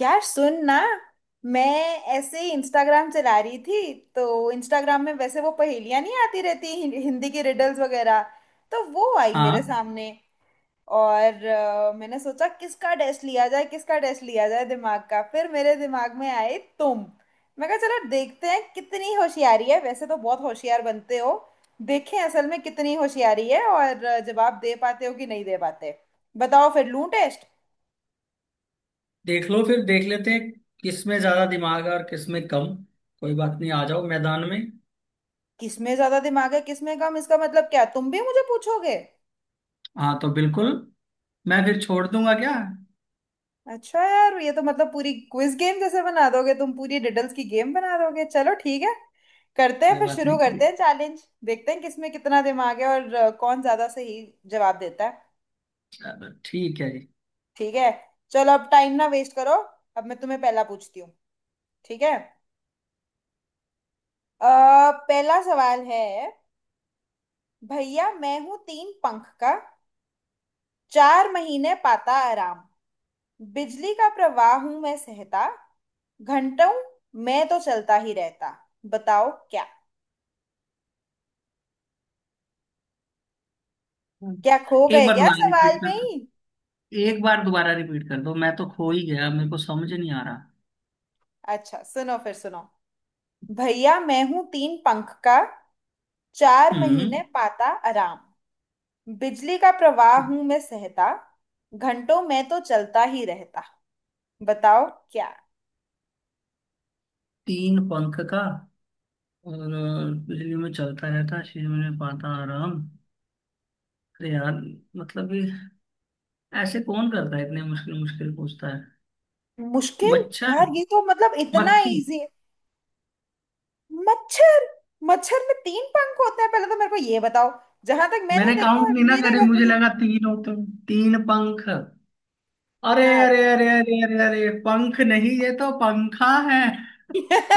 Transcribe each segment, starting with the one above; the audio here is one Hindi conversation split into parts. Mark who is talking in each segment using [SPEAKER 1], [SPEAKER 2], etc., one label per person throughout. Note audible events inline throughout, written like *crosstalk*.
[SPEAKER 1] यार सुन ना। मैं ऐसे ही इंस्टाग्राम चला रही थी। तो इंस्टाग्राम में वैसे वो पहेलियां नहीं आती रहती हिंदी की रिडल्स वगैरह। तो वो आई मेरे
[SPEAKER 2] हाँ,
[SPEAKER 1] सामने। और मैंने सोचा किसका टेस्ट लिया जाए, किसका टेस्ट लिया जाए दिमाग का। फिर मेरे दिमाग में आए तुम। मैं कहा चलो देखते हैं कितनी होशियारी है, वैसे तो बहुत होशियार बनते हो। देखें असल में कितनी होशियारी है। और जवाब दे पाते हो कि नहीं दे पाते। बताओ फिर लूं टेस्ट।
[SPEAKER 2] देख लो फिर देख लेते हैं। किस में ज्यादा दिमाग है और किस में कम। कोई बात नहीं, आ जाओ मैदान में।
[SPEAKER 1] किसमें ज्यादा दिमाग है किसमें कम, इसका मतलब क्या तुम भी मुझे पूछोगे?
[SPEAKER 2] हाँ तो बिल्कुल। मैं फिर छोड़ दूंगा क्या।
[SPEAKER 1] अच्छा यार, ये तो मतलब पूरी क्विज गेम जैसे बना दोगे तुम, पूरी डिडल्स की गेम बना दोगे। चलो ठीक है, करते हैं
[SPEAKER 2] कोई
[SPEAKER 1] फिर।
[SPEAKER 2] बात
[SPEAKER 1] शुरू
[SPEAKER 2] नहीं,
[SPEAKER 1] करते हैं चैलेंज, देखते हैं किसमें कितना दिमाग है और कौन ज्यादा सही जवाब देता है।
[SPEAKER 2] चलो ठीक है जी।
[SPEAKER 1] ठीक है। चलो अब टाइम ना वेस्ट करो। अब मैं तुम्हें पहला पूछती हूँ। ठीक है। पहला सवाल है। भैया मैं हूँ तीन पंख का, 4 महीने पाता आराम, बिजली का प्रवाह हूं मैं सहता, घंटों मैं तो चलता ही रहता। बताओ क्या। क्या खो
[SPEAKER 2] एक
[SPEAKER 1] गए
[SPEAKER 2] बार
[SPEAKER 1] क्या
[SPEAKER 2] दोबारा
[SPEAKER 1] सवाल
[SPEAKER 2] रिपीट कर
[SPEAKER 1] में ही?
[SPEAKER 2] दो। एक बार दोबारा रिपीट कर दो, मैं तो खो ही गया, मेरे को समझ नहीं आ रहा।
[SPEAKER 1] अच्छा सुनो फिर, सुनो। भैया मैं हूं तीन पंख का, चार
[SPEAKER 2] हम्म।
[SPEAKER 1] महीने पाता आराम, बिजली का प्रवाह हूं मैं सहता, घंटों मैं तो चलता ही रहता। बताओ क्या।
[SPEAKER 2] तीन पंख का। और बिजली में चलता रहता, शरीर में पाता आराम। अरे यार, मतलब ये ऐसे कौन करता है, इतने मुश्किल मुश्किल पूछता है।
[SPEAKER 1] मुश्किल?
[SPEAKER 2] मच्छर।
[SPEAKER 1] यार ये तो मतलब इतना
[SPEAKER 2] मक्खी।
[SPEAKER 1] इजी है। मच्छर। मच्छर में तीन पंख होते हैं, पहले तो मेरे को ये बताओ। जहां तक मैंने
[SPEAKER 2] मैंने
[SPEAKER 1] देखा
[SPEAKER 2] काउंट
[SPEAKER 1] है
[SPEAKER 2] नहीं ना
[SPEAKER 1] मेरे
[SPEAKER 2] करे,
[SPEAKER 1] घर में
[SPEAKER 2] मुझे
[SPEAKER 1] जो।
[SPEAKER 2] लगा तीन हो, तुम तीन पंख। अरे
[SPEAKER 1] हाँ।
[SPEAKER 2] अरे अरे अरे अरे अरे, पंख नहीं, ये तो पंखा है।
[SPEAKER 1] *laughs*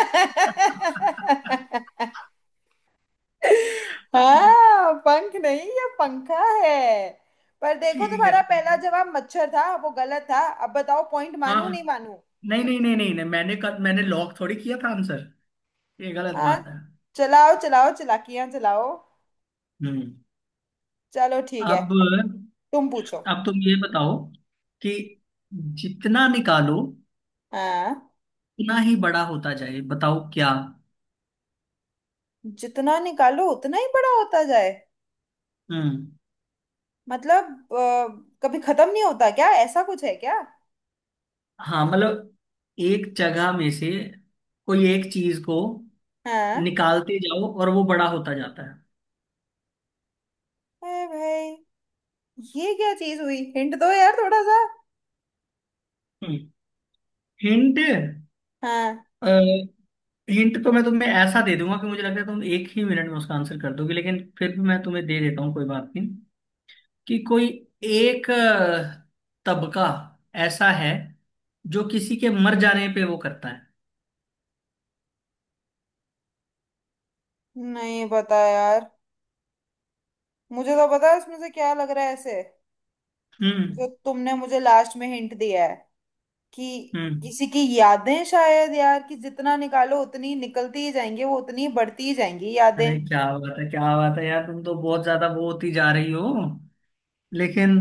[SPEAKER 1] हाँ, पंख नहीं ये पंखा है। पर देखो
[SPEAKER 2] ठीक है
[SPEAKER 1] तुम्हारा
[SPEAKER 2] ठीक
[SPEAKER 1] पहला
[SPEAKER 2] है।
[SPEAKER 1] जवाब मच्छर था, वो गलत था। अब बताओ पॉइंट
[SPEAKER 2] हाँ
[SPEAKER 1] मानू नहीं
[SPEAKER 2] हाँ।
[SPEAKER 1] मानू।
[SPEAKER 2] नहीं नहीं नहीं नहीं नहीं, मैंने कल मैंने लॉक थोड़ी किया था आंसर। ये गलत
[SPEAKER 1] हाँ।
[SPEAKER 2] बात है।
[SPEAKER 1] चलाओ चलाओ चलाकियां चलाओ।
[SPEAKER 2] हम्म।
[SPEAKER 1] चलो ठीक है।
[SPEAKER 2] अब
[SPEAKER 1] तुम पूछो।
[SPEAKER 2] अब तुम ये बताओ कि जितना निकालो
[SPEAKER 1] हाँ।
[SPEAKER 2] उतना ही बड़ा होता जाए, बताओ क्या।
[SPEAKER 1] जितना निकालो उतना ही बड़ा होता जाए।
[SPEAKER 2] हम्म।
[SPEAKER 1] मतलब कभी खत्म नहीं होता क्या, ऐसा कुछ है क्या?
[SPEAKER 2] हाँ मतलब, एक जगह में से कोई एक चीज को
[SPEAKER 1] हाँ।
[SPEAKER 2] निकालते जाओ और वो बड़ा होता जाता है।
[SPEAKER 1] अरे भाई ये क्या चीज हुई, हिंट दो यार थोड़ा सा।
[SPEAKER 2] हिंट।
[SPEAKER 1] हाँ।
[SPEAKER 2] हिंट तो मैं तुम्हें ऐसा दे दूंगा कि मुझे लगता है तुम एक ही मिनट में उसका आंसर कर दोगे, लेकिन फिर भी मैं तुम्हें दे देता हूँ, कोई बात नहीं। कि कोई एक तबका ऐसा है जो किसी के मर जाने पे वो करता है।
[SPEAKER 1] नहीं पता यार। मुझे तो पता है इसमें से क्या लग रहा है ऐसे,
[SPEAKER 2] हम्म
[SPEAKER 1] जो तुमने मुझे लास्ट में हिंट दिया है कि
[SPEAKER 2] हम्म।
[SPEAKER 1] किसी की यादें शायद यार, कि जितना निकालो उतनी निकलती ही जाएंगी, वो उतनी बढ़ती ही जाएंगी यादें।
[SPEAKER 2] अरे क्या बात है, क्या बात है यार, तुम तो बहुत ज्यादा वो होती जा रही हो। लेकिन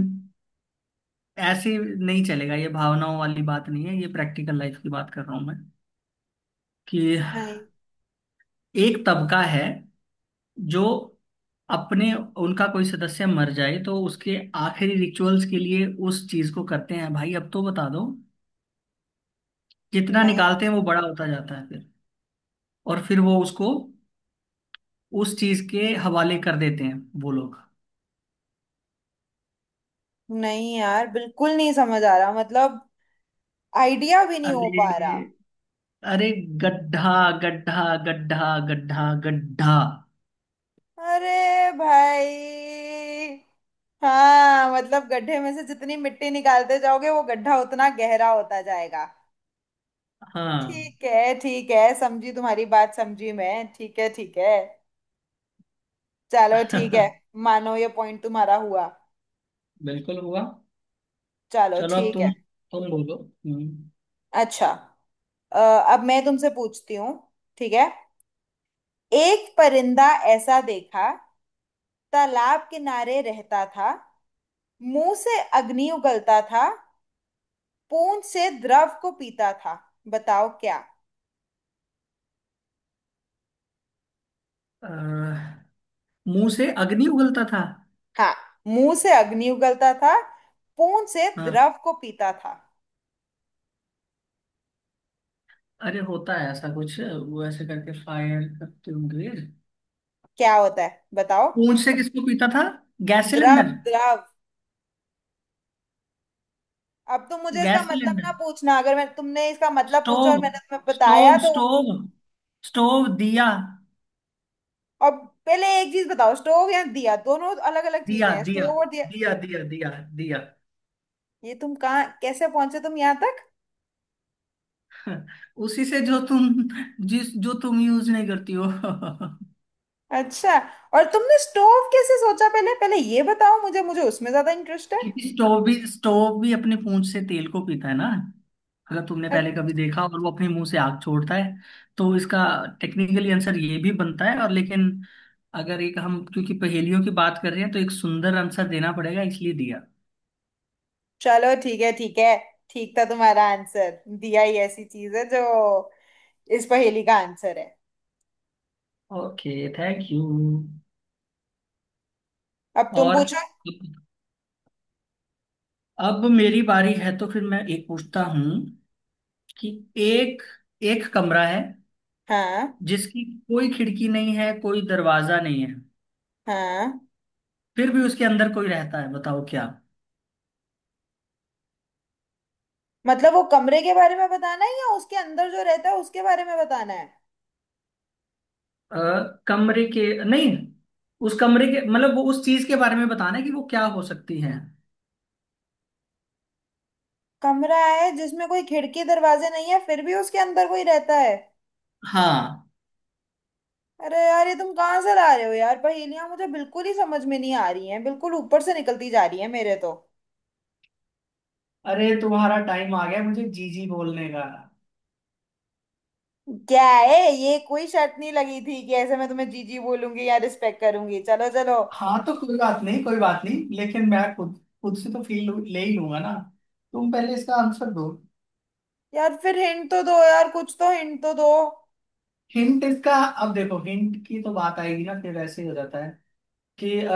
[SPEAKER 2] ऐसे नहीं चलेगा, ये भावनाओं वाली बात नहीं है, ये प्रैक्टिकल लाइफ की बात कर रहा हूं मैं। कि
[SPEAKER 1] नहीं,
[SPEAKER 2] एक तबका है जो अपने, उनका कोई सदस्य मर जाए तो उसके आखिरी रिचुअल्स के लिए उस चीज को करते हैं, भाई अब तो बता दो। जितना
[SPEAKER 1] नहीं,
[SPEAKER 2] निकालते हैं वो बड़ा होता जाता है फिर। और फिर वो उसको उस चीज के हवाले कर देते हैं वो लोग।
[SPEAKER 1] नहीं यार, बिल्कुल नहीं समझ आ रहा मतलब। आइडिया भी नहीं हो पा रहा।
[SPEAKER 2] अरे अरे, गड्ढा। गड्ढा गड्ढा गड्ढा गड्ढा।
[SPEAKER 1] अरे भाई। हाँ मतलब गड्ढे में से जितनी मिट्टी निकालते जाओगे वो गड्ढा उतना गहरा होता जाएगा।
[SPEAKER 2] हाँ।
[SPEAKER 1] ठीक है ठीक है, समझी तुम्हारी बात, समझी मैं, ठीक है ठीक है। चलो ठीक है।
[SPEAKER 2] *laughs*
[SPEAKER 1] मानो ये पॉइंट तुम्हारा हुआ।
[SPEAKER 2] बिल्कुल हुआ।
[SPEAKER 1] चलो
[SPEAKER 2] चलो अब,
[SPEAKER 1] ठीक
[SPEAKER 2] तुम
[SPEAKER 1] है।
[SPEAKER 2] तुम बोलो। हम्म।
[SPEAKER 1] अच्छा। अ, अब मैं तुमसे पूछती हूँ। ठीक है। एक परिंदा ऐसा देखा, तालाब किनारे रहता था, मुंह से अग्नि उगलता था, पूंछ से द्रव को पीता था। बताओ क्या।
[SPEAKER 2] अ, मुंह से अग्नि उगलता था।
[SPEAKER 1] हाँ। मुंह से अग्नि उगलता था, पूंछ से
[SPEAKER 2] हाँ।
[SPEAKER 1] द्रव को पीता था।
[SPEAKER 2] अरे होता है ऐसा कुछ, वो ऐसे करके फायर करते होंगे।
[SPEAKER 1] क्या होता है बताओ?
[SPEAKER 2] पूंछ से किसको पीता था। गैस
[SPEAKER 1] द्रव।
[SPEAKER 2] सिलेंडर।
[SPEAKER 1] द्रव। अब तो मुझे इसका
[SPEAKER 2] गैस
[SPEAKER 1] मतलब
[SPEAKER 2] सिलेंडर।
[SPEAKER 1] ना पूछना, अगर मैं तुमने इसका मतलब पूछा और
[SPEAKER 2] स्टोव।
[SPEAKER 1] मैंने तुम्हें बताया
[SPEAKER 2] स्टोव
[SPEAKER 1] तो।
[SPEAKER 2] Stove stove. दिया।
[SPEAKER 1] और पहले एक चीज बताओ, स्टोव या दिया दोनों अलग अलग
[SPEAKER 2] दिया
[SPEAKER 1] चीजें हैं,
[SPEAKER 2] दिया
[SPEAKER 1] स्टोव और दिया।
[SPEAKER 2] दिया। दिया दिया दिया।
[SPEAKER 1] ये तुम कहाँ कैसे पहुंचे तुम यहाँ तक?
[SPEAKER 2] *laughs* उसी से जो तुम, जिस जो तुम यूज नहीं करती हो। *laughs*
[SPEAKER 1] अच्छा। और तुमने स्टोव कैसे सोचा पहले, पहले ये बताओ मुझे मुझे उसमें ज्यादा इंटरेस्ट है।
[SPEAKER 2] क्योंकि स्टोव भी अपने पूंछ से तेल को पीता है ना, अगर तुमने
[SPEAKER 1] अ-
[SPEAKER 2] पहले कभी देखा, और वो अपने मुंह से आग छोड़ता है, तो इसका टेक्निकली आंसर ये भी बनता है और, लेकिन अगर एक हम, क्योंकि पहेलियों की बात कर रहे हैं तो एक सुंदर आंसर देना पड़ेगा, इसलिए दिया।
[SPEAKER 1] चलो ठीक है ठीक है। ठीक था तुम्हारा आंसर, दिया ही ऐसी चीज है जो इस पहेली का आंसर है।
[SPEAKER 2] Okay thank you.
[SPEAKER 1] अब तुम
[SPEAKER 2] और
[SPEAKER 1] पूछो।
[SPEAKER 2] अब मेरी बारी है, तो फिर मैं एक पूछता हूँ कि, एक एक कमरा है
[SPEAKER 1] हाँ।
[SPEAKER 2] जिसकी कोई खिड़की नहीं है, कोई दरवाजा नहीं है,
[SPEAKER 1] हाँ
[SPEAKER 2] फिर भी उसके अंदर कोई रहता है, बताओ क्या।
[SPEAKER 1] मतलब वो कमरे के बारे में बताना है या उसके अंदर जो रहता है उसके बारे में बताना है?
[SPEAKER 2] अ, कमरे के नहीं, उस कमरे के मतलब वो, उस चीज के बारे में बताना है कि वो क्या हो सकती है।
[SPEAKER 1] कमरा है जिसमें कोई खिड़की दरवाजे नहीं है, फिर भी उसके अंदर कोई रहता है।
[SPEAKER 2] हाँ।
[SPEAKER 1] अरे यार ये तुम कहाँ से ला रहे हो यार पहेलियां, मुझे बिल्कुल ही समझ में नहीं आ रही हैं, बिल्कुल ऊपर से निकलती जा रही है मेरे तो।
[SPEAKER 2] अरे तुम्हारा टाइम आ गया मुझे जी जी बोलने का।
[SPEAKER 1] क्या है ये, कोई शर्त नहीं लगी थी कि ऐसे मैं तुम्हें जीजी बोलूंगी या रिस्पेक्ट करूंगी। चलो चलो।
[SPEAKER 2] हाँ तो कोई बात नहीं, कोई बात नहीं, लेकिन मैं खुद, से तो फील ले ही लूंगा ना। तुम पहले इसका आंसर दो।
[SPEAKER 1] यार फिर हिंट तो दो यार, कुछ तो हिंट तो दो।
[SPEAKER 2] हिंट इसका। अब देखो, हिंट की तो बात आएगी ना, फिर ऐसे ही हो जाता है कि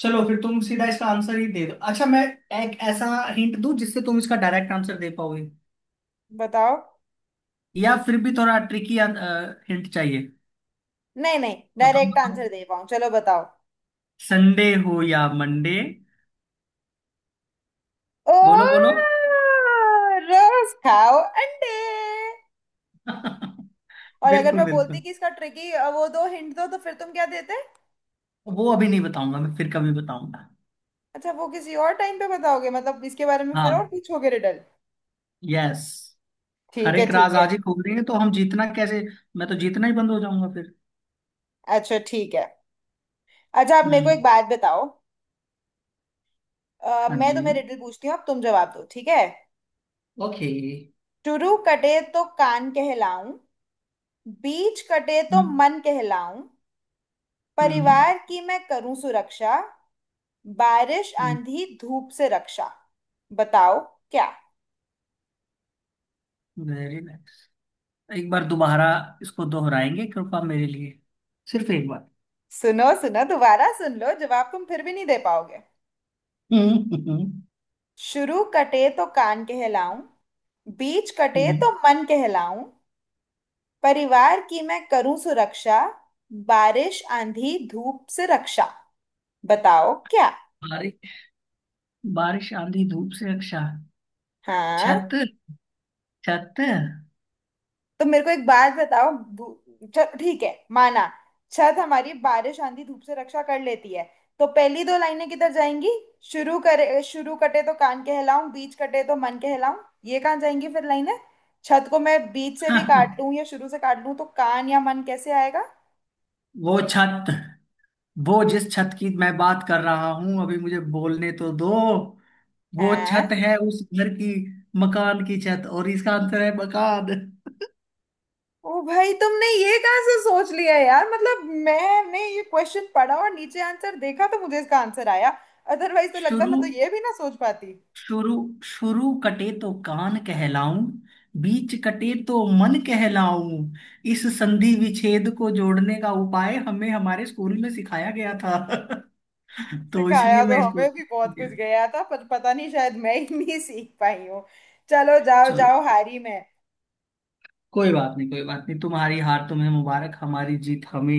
[SPEAKER 2] चलो फिर तुम सीधा इसका आंसर ही दे दो। अच्छा, मैं एक ऐसा हिंट दूं जिससे तुम इसका डायरेक्ट आंसर दे पाओगे,
[SPEAKER 1] बताओ।
[SPEAKER 2] या फिर भी थोड़ा ट्रिकी हिंट चाहिए।
[SPEAKER 1] नहीं नहीं,
[SPEAKER 2] बताओ
[SPEAKER 1] डायरेक्ट
[SPEAKER 2] बताओ।
[SPEAKER 1] आंसर दे पाऊँ चलो बताओ।
[SPEAKER 2] संडे हो या मंडे। बोलो बोलो।
[SPEAKER 1] ओह रोज खाओ अंडे।
[SPEAKER 2] *laughs*
[SPEAKER 1] और अगर
[SPEAKER 2] बिल्कुल
[SPEAKER 1] मैं बोलती
[SPEAKER 2] बिल्कुल।
[SPEAKER 1] कि इसका ट्रिकी वो दो, हिंट दो तो फिर तुम क्या देते?
[SPEAKER 2] वो अभी नहीं बताऊंगा, मैं फिर कभी बताऊंगा।
[SPEAKER 1] अच्छा वो किसी और टाइम पे बताओगे, मतलब इसके बारे में फिर और
[SPEAKER 2] हाँ।
[SPEAKER 1] पूछोगे रिडल।
[SPEAKER 2] यस। हर
[SPEAKER 1] ठीक है
[SPEAKER 2] एक राज
[SPEAKER 1] ठीक है।
[SPEAKER 2] आज ही खोल देंगे तो हम जीतना कैसे। मैं तो जीतना ही बंद हो जाऊंगा फिर।
[SPEAKER 1] अच्छा ठीक है। अच्छा आप मेरे को एक
[SPEAKER 2] हम्म।
[SPEAKER 1] बात बताओ।
[SPEAKER 2] हाँ
[SPEAKER 1] मैं
[SPEAKER 2] जी।
[SPEAKER 1] तुम्हें रिडल पूछती हूँ, अब तुम जवाब दो, ठीक है।
[SPEAKER 2] ओके।
[SPEAKER 1] शुरू कटे तो कान कहलाऊं, बीच कटे तो
[SPEAKER 2] हम्म
[SPEAKER 1] मन कहलाऊं,
[SPEAKER 2] हम्म।
[SPEAKER 1] परिवार की मैं करूं सुरक्षा, बारिश आंधी धूप से रक्षा। बताओ क्या।
[SPEAKER 2] Very nice. एक बार दोबारा इसको दोहराएंगे कृपा मेरे लिए, सिर्फ एक बार।
[SPEAKER 1] सुनो सुनो दोबारा सुन लो, जवाब तुम फिर भी नहीं दे पाओगे।
[SPEAKER 2] हम्म हम्म
[SPEAKER 1] शुरू कटे तो कान कहलाऊं, बीच कटे
[SPEAKER 2] हम्म।
[SPEAKER 1] तो मन कहलाऊं, परिवार की मैं करूं सुरक्षा, बारिश आंधी धूप से रक्षा। बताओ क्या।
[SPEAKER 2] बारिश। बारिश आंधी धूप से रक्षा। छत।
[SPEAKER 1] हाँ,
[SPEAKER 2] छत।
[SPEAKER 1] तो मेरे को एक बात बताओ, चल ठीक है माना छत हमारी बारिश आंधी धूप से रक्षा कर लेती है, तो पहली दो लाइनें किधर जाएंगी? शुरू कटे तो कान कहलाऊं, बीच कटे तो मन कहलाऊं, ये कहाँ जाएंगी फिर लाइनें? छत को मैं बीच से भी काट लूं या
[SPEAKER 2] *laughs*
[SPEAKER 1] शुरू से काट लूं तो कान या मन कैसे आएगा?
[SPEAKER 2] वो छत, वो जिस छत की मैं बात कर रहा हूं, अभी मुझे बोलने तो दो। वो छत
[SPEAKER 1] हैं?
[SPEAKER 2] है उस घर की, मकान की छत, और इसका आंसर है मकान। *laughs*
[SPEAKER 1] ओ भाई तुमने ये कहाँ से सोच लिया यार, मतलब मैंने ये क्वेश्चन पढ़ा और नीचे आंसर देखा तो मुझे इसका आंसर आया। अदरवाइज तो लगता
[SPEAKER 2] शुरू,
[SPEAKER 1] मैं तो ये भी ना सोच पाती।
[SPEAKER 2] शुरू शुरू कटे तो कान कहलाऊं, बीच कटे तो मन कहलाऊं। इस संधि विच्छेद को जोड़ने का उपाय हमें हमारे स्कूल में सिखाया गया था। *laughs* तो
[SPEAKER 1] सिखाया
[SPEAKER 2] इसलिए
[SPEAKER 1] तो
[SPEAKER 2] मैं इसको।
[SPEAKER 1] हमें भी बहुत कुछ गया था, पर पता नहीं शायद मैं ही नहीं सीख पाई हूँ। चलो जाओ
[SPEAKER 2] चलो
[SPEAKER 1] जाओ हारी में।
[SPEAKER 2] कोई बात नहीं, कोई बात नहीं, तुम्हारी हार तुम्हें मुबारक, हमारी जीत हमें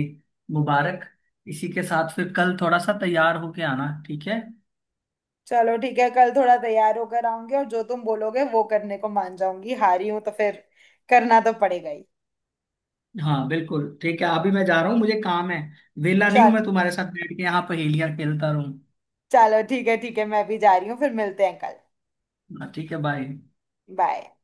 [SPEAKER 2] मुबारक। इसी के साथ फिर कल थोड़ा सा तैयार होके आना, ठीक है।
[SPEAKER 1] चलो ठीक है, कल थोड़ा तैयार होकर आऊंगी और जो तुम बोलोगे वो करने को मान जाऊंगी, हारी हूं तो फिर करना तो पड़ेगा ही।
[SPEAKER 2] हाँ बिल्कुल, ठीक है, अभी मैं जा रहा हूँ, मुझे काम है। वेला नहीं हूँ
[SPEAKER 1] चल
[SPEAKER 2] मैं तुम्हारे साथ बैठ के यहाँ पहेलियाँ खेलता रहूँ।
[SPEAKER 1] चलो ठीक है ठीक है, मैं भी जा रही हूँ, फिर मिलते हैं कल।
[SPEAKER 2] ना, ठीक है, बाय।
[SPEAKER 1] बाय।